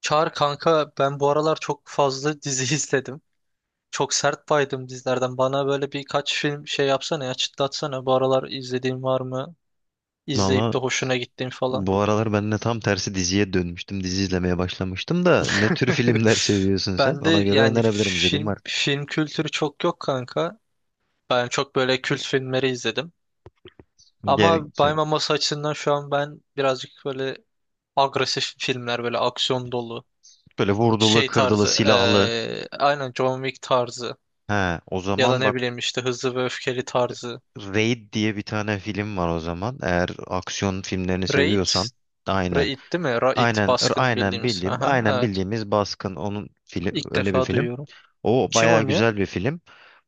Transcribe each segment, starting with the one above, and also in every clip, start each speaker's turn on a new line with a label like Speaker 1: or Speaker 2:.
Speaker 1: Çağır kanka, ben bu aralar çok fazla dizi izledim. Çok sert baydım dizilerden. Bana böyle birkaç film şey yapsana ya, çıtlatsana. Bu aralar izlediğin var mı? İzleyip
Speaker 2: Valla
Speaker 1: de hoşuna gittiğin falan.
Speaker 2: bu aralar ben de tam tersi diziye dönmüştüm. Dizi izlemeye başlamıştım da ne tür filmler seviyorsun sen?
Speaker 1: Ben de
Speaker 2: Ona göre
Speaker 1: yani
Speaker 2: önerebilirim izlediğim
Speaker 1: film
Speaker 2: var.
Speaker 1: film kültürü çok yok kanka. Ben çok böyle kült filmleri izledim. Ama
Speaker 2: Ge- şey,
Speaker 1: baymaması açısından şu an ben birazcık böyle agresif filmler, böyle aksiyon dolu
Speaker 2: Böyle vurdulu,
Speaker 1: şey
Speaker 2: kırdılı,
Speaker 1: tarzı,
Speaker 2: silahlı.
Speaker 1: aynen John Wick tarzı
Speaker 2: He, o
Speaker 1: ya da
Speaker 2: zaman
Speaker 1: ne
Speaker 2: bak,
Speaker 1: bileyim işte Hızlı ve Öfkeli tarzı.
Speaker 2: Raid diye bir tane film var o zaman. Eğer aksiyon filmlerini
Speaker 1: Raid,
Speaker 2: seviyorsan. Aynen.
Speaker 1: Raid değil mi? Raid,
Speaker 2: Aynen,
Speaker 1: baskın bildiğimiz.
Speaker 2: bildiğim,
Speaker 1: Aha,
Speaker 2: aynen
Speaker 1: evet.
Speaker 2: bildiğimiz Baskın onun film
Speaker 1: İlk
Speaker 2: öyle bir
Speaker 1: defa
Speaker 2: film.
Speaker 1: duyuyorum.
Speaker 2: O
Speaker 1: Kim
Speaker 2: bayağı
Speaker 1: oynuyor?
Speaker 2: güzel bir film.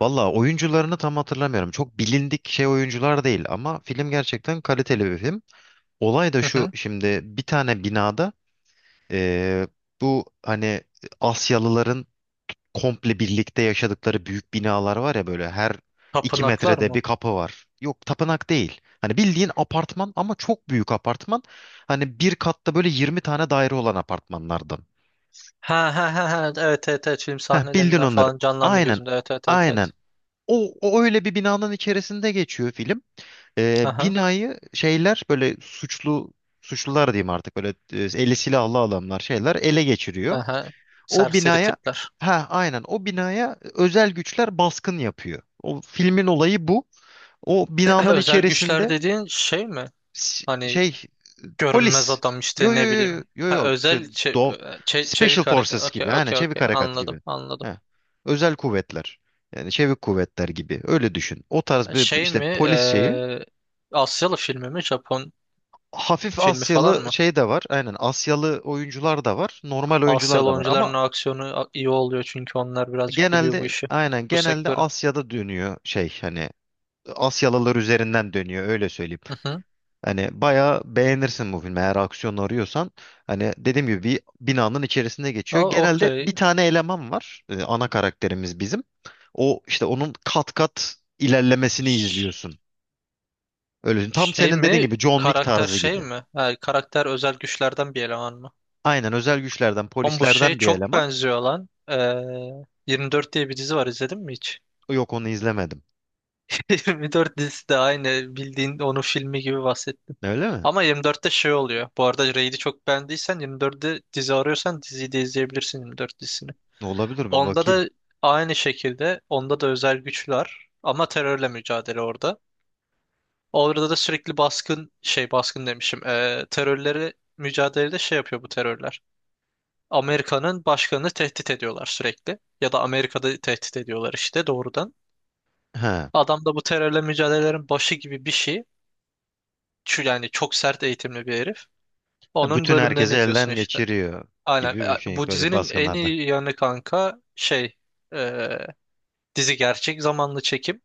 Speaker 2: Valla oyuncularını tam hatırlamıyorum. Çok bilindik şey oyuncular değil ama film gerçekten kaliteli bir film. Olay da
Speaker 1: Hı
Speaker 2: şu
Speaker 1: hı.
Speaker 2: şimdi bir tane binada, eee, bu hani Asyalıların komple birlikte yaşadıkları büyük binalar var ya, böyle her iki
Speaker 1: Tapınaklar
Speaker 2: metrede
Speaker 1: mı?
Speaker 2: bir kapı var. Yok, tapınak değil. Hani bildiğin apartman ama çok büyük apartman. Hani bir katta böyle 20 tane daire olan apartmanlardan.
Speaker 1: Ha ha ha ha. Evet, evet, evet. Film
Speaker 2: Heh, bildin
Speaker 1: sahnelerinden
Speaker 2: onları.
Speaker 1: falan canlandı
Speaker 2: Aynen,
Speaker 1: gözümde. Evet, evet, evet,
Speaker 2: aynen.
Speaker 1: evet.
Speaker 2: O, o öyle bir binanın içerisinde geçiyor film.
Speaker 1: Aha.
Speaker 2: Binayı şeyler böyle suçlu, suçlular diyeyim artık, böyle eli silahlı adamlar şeyler ele geçiriyor.
Speaker 1: Aha.
Speaker 2: O
Speaker 1: Serseri
Speaker 2: binaya,
Speaker 1: tipler.
Speaker 2: ha aynen, o binaya özel güçler baskın yapıyor. O filmin olayı bu. O binanın
Speaker 1: Özel güçler
Speaker 2: içerisinde
Speaker 1: dediğin şey mi?
Speaker 2: s-
Speaker 1: Hani
Speaker 2: şey
Speaker 1: görünmez
Speaker 2: polis.
Speaker 1: adam
Speaker 2: Yo
Speaker 1: işte,
Speaker 2: yo
Speaker 1: ne
Speaker 2: yo
Speaker 1: bileyim.
Speaker 2: yo yo
Speaker 1: Ha,
Speaker 2: yo, şey
Speaker 1: özel
Speaker 2: do Special
Speaker 1: çevik hareket.
Speaker 2: Forces gibi,
Speaker 1: Okey,
Speaker 2: hani
Speaker 1: okey,
Speaker 2: çevik
Speaker 1: okey.
Speaker 2: harekat
Speaker 1: Anladım,
Speaker 2: gibi.
Speaker 1: anladım.
Speaker 2: Ha. Özel kuvvetler. Yani çevik kuvvetler gibi öyle düşün. O tarz bir
Speaker 1: Şey
Speaker 2: işte
Speaker 1: mi?
Speaker 2: polis şeyi,
Speaker 1: Asyalı filmi mi? Japon
Speaker 2: hafif
Speaker 1: filmi falan
Speaker 2: Asyalı
Speaker 1: mı?
Speaker 2: şey de var. Aynen Asyalı oyuncular da var. Normal oyuncular
Speaker 1: Asyalı
Speaker 2: da var. Ama
Speaker 1: oyuncuların o aksiyonu iyi oluyor, çünkü onlar birazcık biliyor bu işi. Bu
Speaker 2: genelde
Speaker 1: sektörü.
Speaker 2: Asya'da dönüyor şey, hani Asyalılar üzerinden dönüyor, öyle söyleyeyim.
Speaker 1: Hı hı.
Speaker 2: Hani bayağı beğenirsin bu filmi eğer aksiyon arıyorsan. Hani dediğim gibi bir binanın içerisinde geçiyor. Genelde bir
Speaker 1: Okey.
Speaker 2: tane eleman var. Ana karakterimiz bizim. O işte onun kat kat ilerlemesini
Speaker 1: Ş-
Speaker 2: izliyorsun. Öyle tam
Speaker 1: Şey
Speaker 2: senin dediğin
Speaker 1: mi?
Speaker 2: gibi, John Wick
Speaker 1: Karakter
Speaker 2: tarzı
Speaker 1: şey
Speaker 2: gibi.
Speaker 1: mi? Ha, karakter özel güçlerden bir eleman mı?
Speaker 2: Aynen özel güçlerden,
Speaker 1: Oğlum bu şey
Speaker 2: polislerden bir
Speaker 1: çok
Speaker 2: eleman.
Speaker 1: benziyor lan. 24 diye bir dizi var, izledin mi hiç?
Speaker 2: Yok, onu izlemedim.
Speaker 1: 24 dizisi de aynı bildiğin onun filmi gibi bahsettim.
Speaker 2: Öyle mi?
Speaker 1: Ama 24'te şey oluyor. Bu arada Raid'i çok beğendiysen, 24'te dizi arıyorsan diziyi de izleyebilirsin. 24
Speaker 2: Olabilir, bir
Speaker 1: onda
Speaker 2: bakayım.
Speaker 1: da aynı şekilde, onda da özel güçler ama terörle mücadele orada. Orada da sürekli baskın, şey, baskın demişim. Terörleri mücadelede şey yapıyor bu terörler. Amerika'nın başkanını tehdit ediyorlar sürekli. Ya da Amerika'da tehdit ediyorlar işte doğrudan.
Speaker 2: Ha.
Speaker 1: Adam da bu terörle mücadelelerin başı gibi bir şey. Şu yani çok sert eğitimli bir herif.
Speaker 2: Ha,
Speaker 1: Onun
Speaker 2: bütün
Speaker 1: bölümlerini
Speaker 2: herkesi
Speaker 1: izliyorsun
Speaker 2: elden
Speaker 1: işte.
Speaker 2: geçiriyor
Speaker 1: Aynen.
Speaker 2: gibi bir şey
Speaker 1: Bu
Speaker 2: böyle
Speaker 1: dizinin en
Speaker 2: baskınlarda.
Speaker 1: iyi yanı kanka şey, eee, dizi gerçek zamanlı çekim.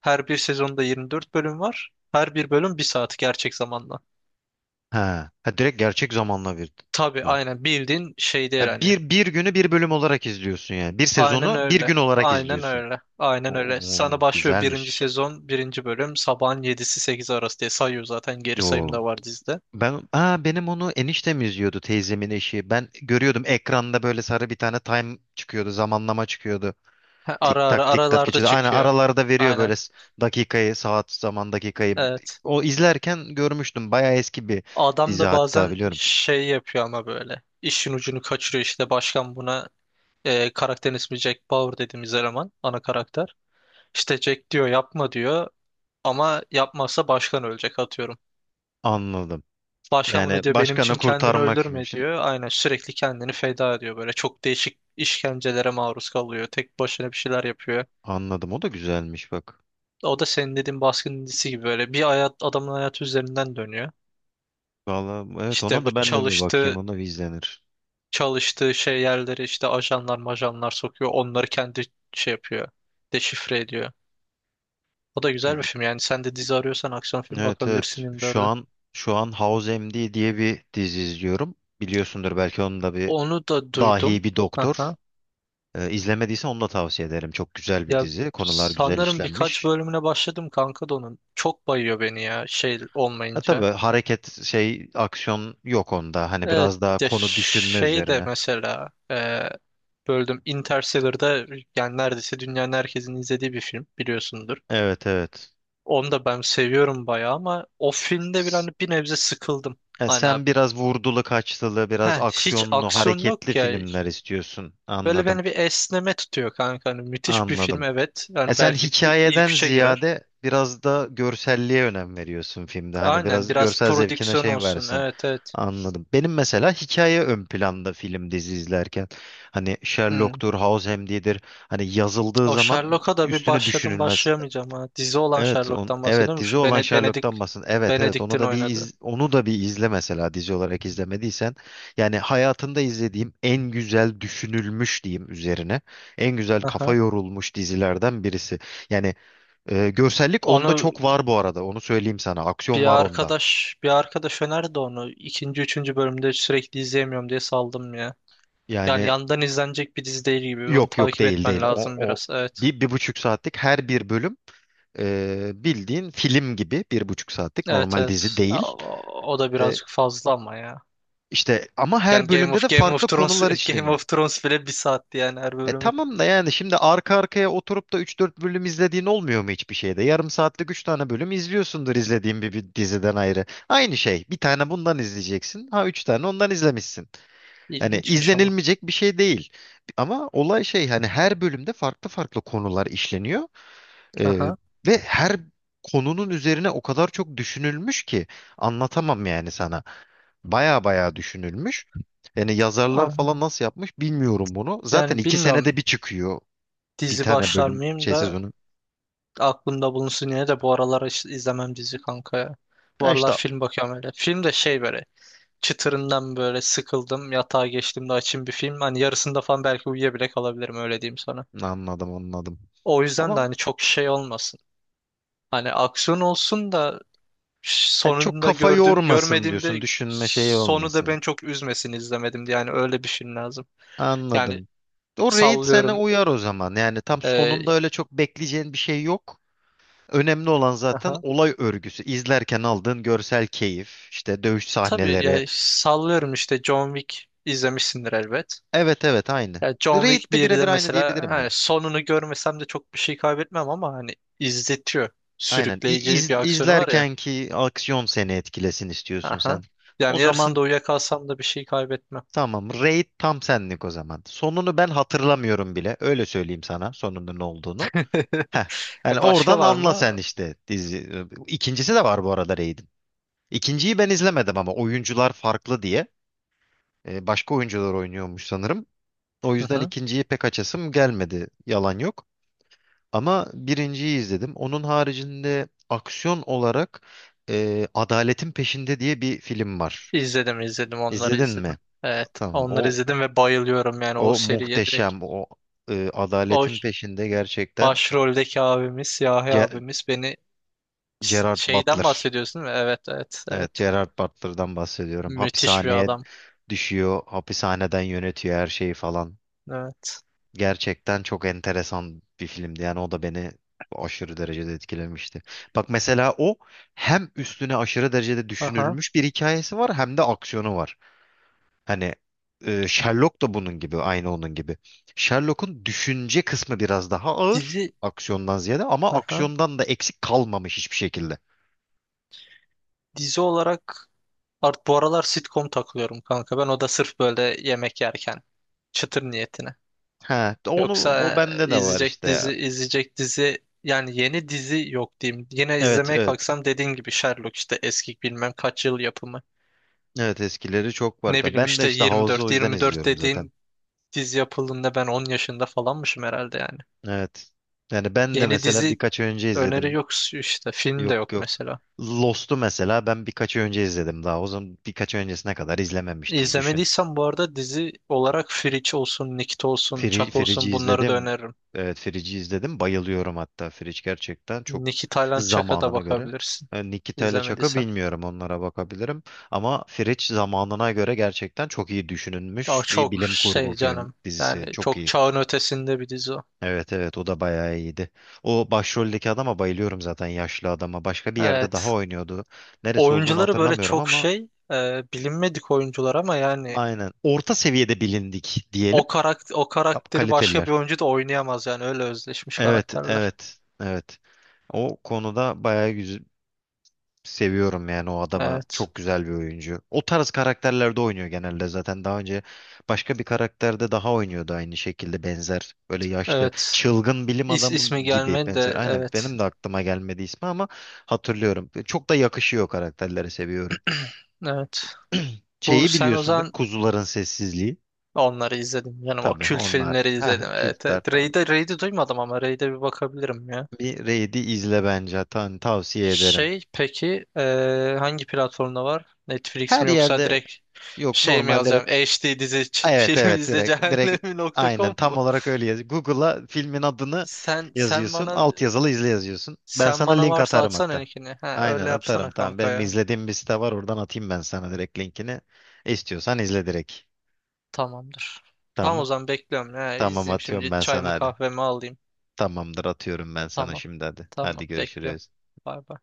Speaker 1: Her bir sezonda 24 bölüm var. Her bir bölüm bir saat gerçek zamanla.
Speaker 2: Ha. Ha, direkt gerçek zamanla bir.
Speaker 1: Tabii
Speaker 2: Ha,
Speaker 1: aynen bildiğin şey değil hani.
Speaker 2: bir bir günü bir bölüm olarak izliyorsun yani. Bir
Speaker 1: Aynen
Speaker 2: sezonu bir
Speaker 1: öyle.
Speaker 2: gün olarak
Speaker 1: Aynen
Speaker 2: izliyorsun.
Speaker 1: öyle. Aynen
Speaker 2: O,
Speaker 1: öyle. Sana başlıyor birinci
Speaker 2: güzelmiş.
Speaker 1: sezon, birinci bölüm. Sabahın 7'si 8'i arası diye sayıyor zaten. Geri sayım
Speaker 2: O
Speaker 1: da var dizide.
Speaker 2: ben ha Benim onu eniştem izliyordu, teyzemin eşi. Ben görüyordum ekranda böyle sarı bir tane time çıkıyordu, zamanlama çıkıyordu.
Speaker 1: Ha, ara
Speaker 2: Tik
Speaker 1: ara
Speaker 2: tak tik tak
Speaker 1: aralarda
Speaker 2: geçiyor. Aynen
Speaker 1: çıkıyor.
Speaker 2: aralarda veriyor
Speaker 1: Aynen.
Speaker 2: böyle dakikayı, saat, zaman dakikayı.
Speaker 1: Evet.
Speaker 2: O izlerken görmüştüm. Bayağı eski bir
Speaker 1: Adam
Speaker 2: dizi
Speaker 1: da
Speaker 2: hatta,
Speaker 1: bazen
Speaker 2: biliyorum.
Speaker 1: şey yapıyor ama böyle. İşin ucunu kaçırıyor işte. Başkan buna, karakterin ismi Jack Bauer dediğimiz eleman. Ana karakter. İşte Jack diyor, yapma diyor. Ama yapmazsa başkan ölecek atıyorum.
Speaker 2: Anladım.
Speaker 1: Başkan
Speaker 2: Yani
Speaker 1: bunu diyor, benim için
Speaker 2: başkanı
Speaker 1: kendini
Speaker 2: kurtarmak
Speaker 1: öldürme
Speaker 2: için.
Speaker 1: diyor. Aynen sürekli kendini feda ediyor böyle. Çok değişik işkencelere maruz kalıyor. Tek başına bir şeyler yapıyor.
Speaker 2: Anladım. O da güzelmiş bak.
Speaker 1: O da senin dediğin baskıncısı gibi, böyle bir hayat, adamın hayatı üzerinden dönüyor.
Speaker 2: Vallahi evet,
Speaker 1: İşte
Speaker 2: ona
Speaker 1: bu
Speaker 2: da ben de bir bakayım.
Speaker 1: çalıştığı
Speaker 2: Ona bir izlenir.
Speaker 1: çalıştığı şey yerleri işte ajanlar majanlar sokuyor. Onları kendi şey yapıyor. Deşifre ediyor. O da güzel bir
Speaker 2: Gü-
Speaker 1: film. Yani sen de dizi arıyorsan, aksiyon film
Speaker 2: Evet
Speaker 1: bakabilirsin
Speaker 2: evet. Şu
Speaker 1: 24'e.
Speaker 2: an şu an House MD diye bir dizi izliyorum. Biliyorsundur belki, onun da bir
Speaker 1: Onu da
Speaker 2: dahi
Speaker 1: duydum.
Speaker 2: bir doktor. İzlemediysen onu da tavsiye ederim. Çok güzel bir
Speaker 1: Ya,
Speaker 2: dizi. Konular güzel
Speaker 1: sanırım birkaç
Speaker 2: işlenmiş.
Speaker 1: bölümüne başladım kanka da onun. Çok bayıyor beni ya, şey
Speaker 2: E tabii,
Speaker 1: olmayınca.
Speaker 2: hareket şey aksiyon yok onda. Hani
Speaker 1: Evet,
Speaker 2: biraz daha
Speaker 1: ya
Speaker 2: konu düşünme
Speaker 1: şey de
Speaker 2: üzerine.
Speaker 1: mesela, böldüm Interstellar'da, yani neredeyse dünyanın herkesin izlediği bir film biliyorsundur.
Speaker 2: Evet evet.
Speaker 1: Onu da ben seviyorum bayağı ama o filmde bir,
Speaker 2: S-
Speaker 1: hani bir nebze sıkıldım. Hani abi,
Speaker 2: Sen biraz vurdulu kaçtılı, biraz
Speaker 1: heh, hiç
Speaker 2: aksiyonlu,
Speaker 1: aksiyon
Speaker 2: hareketli
Speaker 1: yok ya.
Speaker 2: filmler istiyorsun.
Speaker 1: Böyle
Speaker 2: Anladım.
Speaker 1: beni bir esneme tutuyor kanka. Hani müthiş bir film,
Speaker 2: Anladım.
Speaker 1: evet.
Speaker 2: E
Speaker 1: Yani
Speaker 2: sen
Speaker 1: belki ilk
Speaker 2: hikayeden
Speaker 1: üçe girer.
Speaker 2: ziyade biraz da görselliğe önem veriyorsun filmde. Hani
Speaker 1: Aynen,
Speaker 2: biraz
Speaker 1: biraz
Speaker 2: görsel zevkine
Speaker 1: prodüksiyon
Speaker 2: şey
Speaker 1: olsun.
Speaker 2: versin.
Speaker 1: Evet, evet.
Speaker 2: Anladım. Benim mesela hikaye ön planda film dizi izlerken. Hani
Speaker 1: Hı.
Speaker 2: Sherlock'tur, House diyedir, hani yazıldığı
Speaker 1: O
Speaker 2: zaman
Speaker 1: Sherlock'a da bir
Speaker 2: üstüne
Speaker 1: başladım,
Speaker 2: düşünülmez.
Speaker 1: başlayamayacağım ha. Dizi olan Sherlock'tan
Speaker 2: Evet,
Speaker 1: bahsediyorum.
Speaker 2: dizi
Speaker 1: Şu
Speaker 2: olan
Speaker 1: Bene- Benedict
Speaker 2: Sherlock'tan bahsediyorsun. Evet evet, onu
Speaker 1: Benedict'in
Speaker 2: da
Speaker 1: oynadı.
Speaker 2: onu da bir izle mesela dizi olarak izlemediysen. Yani hayatında izlediğim en güzel düşünülmüş diyeyim üzerine. En güzel kafa
Speaker 1: Aha.
Speaker 2: yorulmuş dizilerden birisi. Yani görsellik onda
Speaker 1: Onu
Speaker 2: çok var bu arada. Onu söyleyeyim sana.
Speaker 1: bir
Speaker 2: Aksiyon var onda.
Speaker 1: arkadaş bir arkadaş önerdi onu. İkinci, üçüncü bölümde sürekli izleyemiyorum diye saldım ya. Yani
Speaker 2: Yani
Speaker 1: yandan izlenecek bir dizi değil gibi. Onu
Speaker 2: Yok yok,
Speaker 1: takip
Speaker 2: değil
Speaker 1: etmen
Speaker 2: değil. O,
Speaker 1: lazım
Speaker 2: o
Speaker 1: biraz. Evet.
Speaker 2: Bir, bir buçuk saatlik her bir bölüm, bildiğin film gibi, bir buçuk saatlik
Speaker 1: Evet,
Speaker 2: normal dizi
Speaker 1: evet. Ya,
Speaker 2: değil.
Speaker 1: o da
Speaker 2: E,
Speaker 1: birazcık fazla ama ya.
Speaker 2: İşte, ama her
Speaker 1: Yani Game
Speaker 2: bölümde
Speaker 1: of
Speaker 2: de
Speaker 1: Game of
Speaker 2: farklı
Speaker 1: Thrones
Speaker 2: konular
Speaker 1: Game
Speaker 2: işleniyor.
Speaker 1: of Thrones bile bir saatti, yani her
Speaker 2: E
Speaker 1: bölümü.
Speaker 2: tamam da, yani şimdi arka arkaya oturup da üç dört bölüm izlediğin olmuyor mu hiçbir şeyde? Yarım saatlik 3 tane bölüm izliyorsundur izlediğin bir, bir diziden ayrı. Aynı şey. Bir tane bundan izleyeceksin. Ha, 3 tane ondan izlemişsin. Hani
Speaker 1: İlginçmiş ama.
Speaker 2: izlenilmeyecek bir şey değil. Ama olay şey, hani her bölümde farklı farklı konular işleniyor. E,
Speaker 1: Aha.
Speaker 2: Ve her konunun üzerine o kadar çok düşünülmüş ki anlatamam yani sana. Baya baya düşünülmüş. Yani yazarlar
Speaker 1: Aa,
Speaker 2: falan nasıl yapmış bilmiyorum bunu. Zaten
Speaker 1: yani
Speaker 2: iki senede
Speaker 1: bilmiyorum
Speaker 2: bir çıkıyor bir
Speaker 1: dizi
Speaker 2: tane
Speaker 1: başlar
Speaker 2: bölüm
Speaker 1: mıyım
Speaker 2: şey
Speaker 1: da,
Speaker 2: sezonu.
Speaker 1: aklımda bulunsun yine de. Bu aralar izlemem dizi kanka ya. Bu
Speaker 2: Ya
Speaker 1: aralar
Speaker 2: işte,
Speaker 1: film bakıyorum öyle. Film de şey, böyle çıtırından böyle sıkıldım. Yatağa geçtiğimde açayım bir film. Hani yarısında falan belki uyuyabile kalabilirim, öyle diyeyim sana.
Speaker 2: anladım anladım.
Speaker 1: O yüzden de
Speaker 2: Ama
Speaker 1: hani çok şey olmasın. Hani aksiyon olsun da
Speaker 2: yani çok
Speaker 1: sonunda
Speaker 2: kafa
Speaker 1: gördüğüm,
Speaker 2: yormasın diyorsun.
Speaker 1: görmediğimde
Speaker 2: Düşünme şeyi
Speaker 1: sonu da
Speaker 2: olmasın.
Speaker 1: beni çok üzmesin izlemedim diye. Yani öyle bir film lazım. Yani
Speaker 2: Anladım. O Raid sana
Speaker 1: sallıyorum.
Speaker 2: uyar o zaman. Yani tam sonunda
Speaker 1: E,
Speaker 2: öyle çok bekleyeceğin bir şey yok. Önemli olan zaten
Speaker 1: aha.
Speaker 2: olay örgüsü. İzlerken aldığın görsel keyif, işte dövüş
Speaker 1: Tabii
Speaker 2: sahneleri.
Speaker 1: ya sallıyorum işte, John Wick izlemişsindir elbet.
Speaker 2: Evet evet aynı.
Speaker 1: Ya John
Speaker 2: Raid
Speaker 1: Wick
Speaker 2: de
Speaker 1: 1'de
Speaker 2: birebir aynı
Speaker 1: mesela,
Speaker 2: diyebilirim
Speaker 1: hani
Speaker 2: ya.
Speaker 1: sonunu görmesem de çok bir şey kaybetmem ama hani izletiyor.
Speaker 2: Aynen. İ-
Speaker 1: Sürükleyici bir
Speaker 2: iz-
Speaker 1: aksiyonu var ya.
Speaker 2: izlerken ki aksiyon seni etkilesin istiyorsun sen.
Speaker 1: Aha.
Speaker 2: O
Speaker 1: Yani
Speaker 2: zaman
Speaker 1: yarısında uyuyakalsam da bir şey kaybetmem.
Speaker 2: tamam. Raid tam senlik o zaman. Sonunu ben hatırlamıyorum bile. Öyle söyleyeyim sana sonunun ne olduğunu. Heh. Yani
Speaker 1: Başka
Speaker 2: oradan
Speaker 1: var
Speaker 2: anla sen
Speaker 1: mı?
Speaker 2: işte dizi. İkincisi de var bu arada Raid'in. İkinciyi ben izlemedim ama oyuncular farklı diye. Başka oyuncular oynuyormuş sanırım. O
Speaker 1: Hı
Speaker 2: yüzden
Speaker 1: hı.
Speaker 2: ikinciyi pek açasım gelmedi. Yalan yok. Ama birinciyi izledim. Onun haricinde aksiyon olarak Adaletin Peşinde diye bir film var.
Speaker 1: İzledim, izledim, onları
Speaker 2: İzledin
Speaker 1: izledim.
Speaker 2: mi?
Speaker 1: Evet,
Speaker 2: Tamam.
Speaker 1: onları
Speaker 2: O
Speaker 1: izledim ve bayılıyorum yani o
Speaker 2: o
Speaker 1: seriye direkt.
Speaker 2: muhteşem. O
Speaker 1: O
Speaker 2: Adaletin Peşinde gerçekten.
Speaker 1: başroldeki abimiz, siyahi
Speaker 2: Ce-
Speaker 1: abimiz, beni
Speaker 2: Gerard
Speaker 1: şeyden
Speaker 2: Butler.
Speaker 1: bahsediyorsun değil mi? Evet, evet,
Speaker 2: Evet,
Speaker 1: evet.
Speaker 2: Gerard Butler'dan bahsediyorum.
Speaker 1: Müthiş bir
Speaker 2: Hapishaneye
Speaker 1: adam.
Speaker 2: düşüyor, hapishaneden yönetiyor her şeyi falan.
Speaker 1: Evet.
Speaker 2: Gerçekten çok enteresan bir filmdi. Yani o da beni aşırı derecede etkilemişti. Bak mesela o hem üstüne aşırı derecede
Speaker 1: Aha.
Speaker 2: düşünülmüş bir hikayesi var hem de aksiyonu var. Hani Sherlock da bunun gibi, aynı onun gibi. Sherlock'un düşünce kısmı biraz daha ağır
Speaker 1: Dizi.
Speaker 2: aksiyondan ziyade, ama
Speaker 1: Aha.
Speaker 2: aksiyondan da eksik kalmamış hiçbir şekilde.
Speaker 1: Dizi olarak art, bu aralar sitcom takılıyorum kanka. Ben o da sırf böyle yemek yerken, çıtır niyetine.
Speaker 2: Ha, onu o
Speaker 1: Yoksa
Speaker 2: bende de var
Speaker 1: izleyecek
Speaker 2: işte ya.
Speaker 1: dizi, izleyecek dizi yani yeni dizi yok diyeyim. Yine
Speaker 2: Evet,
Speaker 1: izlemeye
Speaker 2: evet.
Speaker 1: kalksam dediğin gibi Sherlock, işte eski bilmem kaç yıl yapımı.
Speaker 2: Evet, eskileri çok var.
Speaker 1: Ne bileyim
Speaker 2: Ben de
Speaker 1: işte
Speaker 2: işte House'u o
Speaker 1: 24
Speaker 2: yüzden
Speaker 1: 24
Speaker 2: izliyorum zaten.
Speaker 1: dediğin dizi yapıldığında ben 10 yaşında falanmışım herhalde yani.
Speaker 2: Evet. Yani ben de
Speaker 1: Yeni
Speaker 2: mesela
Speaker 1: dizi
Speaker 2: birkaç ay önce
Speaker 1: öneri
Speaker 2: izledim.
Speaker 1: yok işte, film de
Speaker 2: Yok
Speaker 1: yok
Speaker 2: yok.
Speaker 1: mesela.
Speaker 2: Lost'u mesela ben birkaç ay önce izledim daha. O zaman birkaç ay öncesine kadar izlememiştim. Düşün.
Speaker 1: İzlemediysen bu arada dizi olarak Fringe olsun, Nikit olsun, Çak
Speaker 2: Firici
Speaker 1: olsun, bunları da
Speaker 2: izledim.
Speaker 1: öneririm.
Speaker 2: Evet, Firici izledim. Bayılıyorum hatta, Firici gerçekten çok
Speaker 1: Nikit, Tayland, Çak'a da
Speaker 2: zamanına göre.
Speaker 1: bakabilirsin
Speaker 2: E, Nikita ile Çak'ı
Speaker 1: izlemediysen.
Speaker 2: bilmiyorum, onlara bakabilirim. Ama Firiç zamanına göre gerçekten çok iyi
Speaker 1: Ya
Speaker 2: düşünülmüş bir
Speaker 1: çok
Speaker 2: bilim kurgu
Speaker 1: şey
Speaker 2: film
Speaker 1: canım, yani
Speaker 2: dizisi. Çok
Speaker 1: çok
Speaker 2: iyi.
Speaker 1: çağın ötesinde bir dizi o.
Speaker 2: Evet evet, o da bayağı iyiydi. O başroldeki adama bayılıyorum zaten, yaşlı adama. Başka bir yerde daha
Speaker 1: Evet.
Speaker 2: oynuyordu. Neresi olduğunu
Speaker 1: Oyuncuları böyle
Speaker 2: hatırlamıyorum
Speaker 1: çok
Speaker 2: ama
Speaker 1: şey, bilinmedik oyuncular ama yani
Speaker 2: aynen. Orta seviyede bilindik
Speaker 1: o
Speaker 2: diyelim.
Speaker 1: karakter, o karakteri başka bir
Speaker 2: Kaliteliler.
Speaker 1: oyuncu da oynayamaz yani, öyle özleşmiş
Speaker 2: Evet
Speaker 1: karakterler.
Speaker 2: evet evet. O konuda bayağı seviyorum yani o adamı.
Speaker 1: Evet.
Speaker 2: Çok güzel bir oyuncu. O tarz karakterlerde oynuyor genelde zaten. Daha önce başka bir karakterde daha oynuyordu aynı şekilde benzer. Böyle yaşlı,
Speaker 1: Evet.
Speaker 2: çılgın bilim
Speaker 1: İs ismi
Speaker 2: adamı gibi
Speaker 1: gelmedi
Speaker 2: benzer.
Speaker 1: de,
Speaker 2: Aynen
Speaker 1: evet.
Speaker 2: benim de aklıma gelmedi ismi ama hatırlıyorum. Çok da yakışıyor karakterlere, seviyorum.
Speaker 1: Evet. Bu
Speaker 2: Şeyi
Speaker 1: sen o
Speaker 2: biliyorsundur.
Speaker 1: zaman,
Speaker 2: Kuzuların Sessizliği.
Speaker 1: onları izledim yani. O
Speaker 2: Tabii,
Speaker 1: kült
Speaker 2: onlar.
Speaker 1: filmleri
Speaker 2: Ha,
Speaker 1: izledim. Evet,
Speaker 2: kültler
Speaker 1: evet.
Speaker 2: tamam.
Speaker 1: Raid'e, Raid'i duymadım ama Raid'e bir bakabilirim ya.
Speaker 2: Bir Raid'i izle bence. Tan tavsiye ederim.
Speaker 1: Şey peki, hangi platformda var? Netflix
Speaker 2: Her
Speaker 1: mi, yoksa
Speaker 2: yerde
Speaker 1: direkt
Speaker 2: yok
Speaker 1: şey mi
Speaker 2: normalde.
Speaker 1: yazacağım? HD dizi
Speaker 2: Evet
Speaker 1: film
Speaker 2: evet,
Speaker 1: izle
Speaker 2: direkt
Speaker 1: cehennemi nokta
Speaker 2: aynen
Speaker 1: com
Speaker 2: tam
Speaker 1: mu?
Speaker 2: olarak öyle yaz. Google'a filmin adını
Speaker 1: Sen sen
Speaker 2: yazıyorsun.
Speaker 1: bana
Speaker 2: Alt yazılı izle yazıyorsun. Ben
Speaker 1: sen
Speaker 2: sana
Speaker 1: bana
Speaker 2: link
Speaker 1: varsa
Speaker 2: atarım
Speaker 1: atsana
Speaker 2: hatta.
Speaker 1: linkini. Ha,
Speaker 2: Aynen
Speaker 1: öyle
Speaker 2: atarım,
Speaker 1: yapsana
Speaker 2: tamam.
Speaker 1: kanka
Speaker 2: Benim
Speaker 1: ya.
Speaker 2: izlediğim bir site var, oradan atayım ben sana direkt linkini. İstiyorsan izle direkt.
Speaker 1: Tamamdır. Tamam, o
Speaker 2: Tamam.
Speaker 1: zaman bekliyorum. Ha,
Speaker 2: Tamam,
Speaker 1: izleyeyim
Speaker 2: atıyorum
Speaker 1: şimdi,
Speaker 2: ben sana,
Speaker 1: çayımı
Speaker 2: hadi.
Speaker 1: kahvemi alayım.
Speaker 2: Tamamdır, atıyorum ben sana
Speaker 1: Tamam.
Speaker 2: şimdi, hadi. Hadi
Speaker 1: Tamam, bekliyorum.
Speaker 2: görüşürüz.
Speaker 1: Bay bay.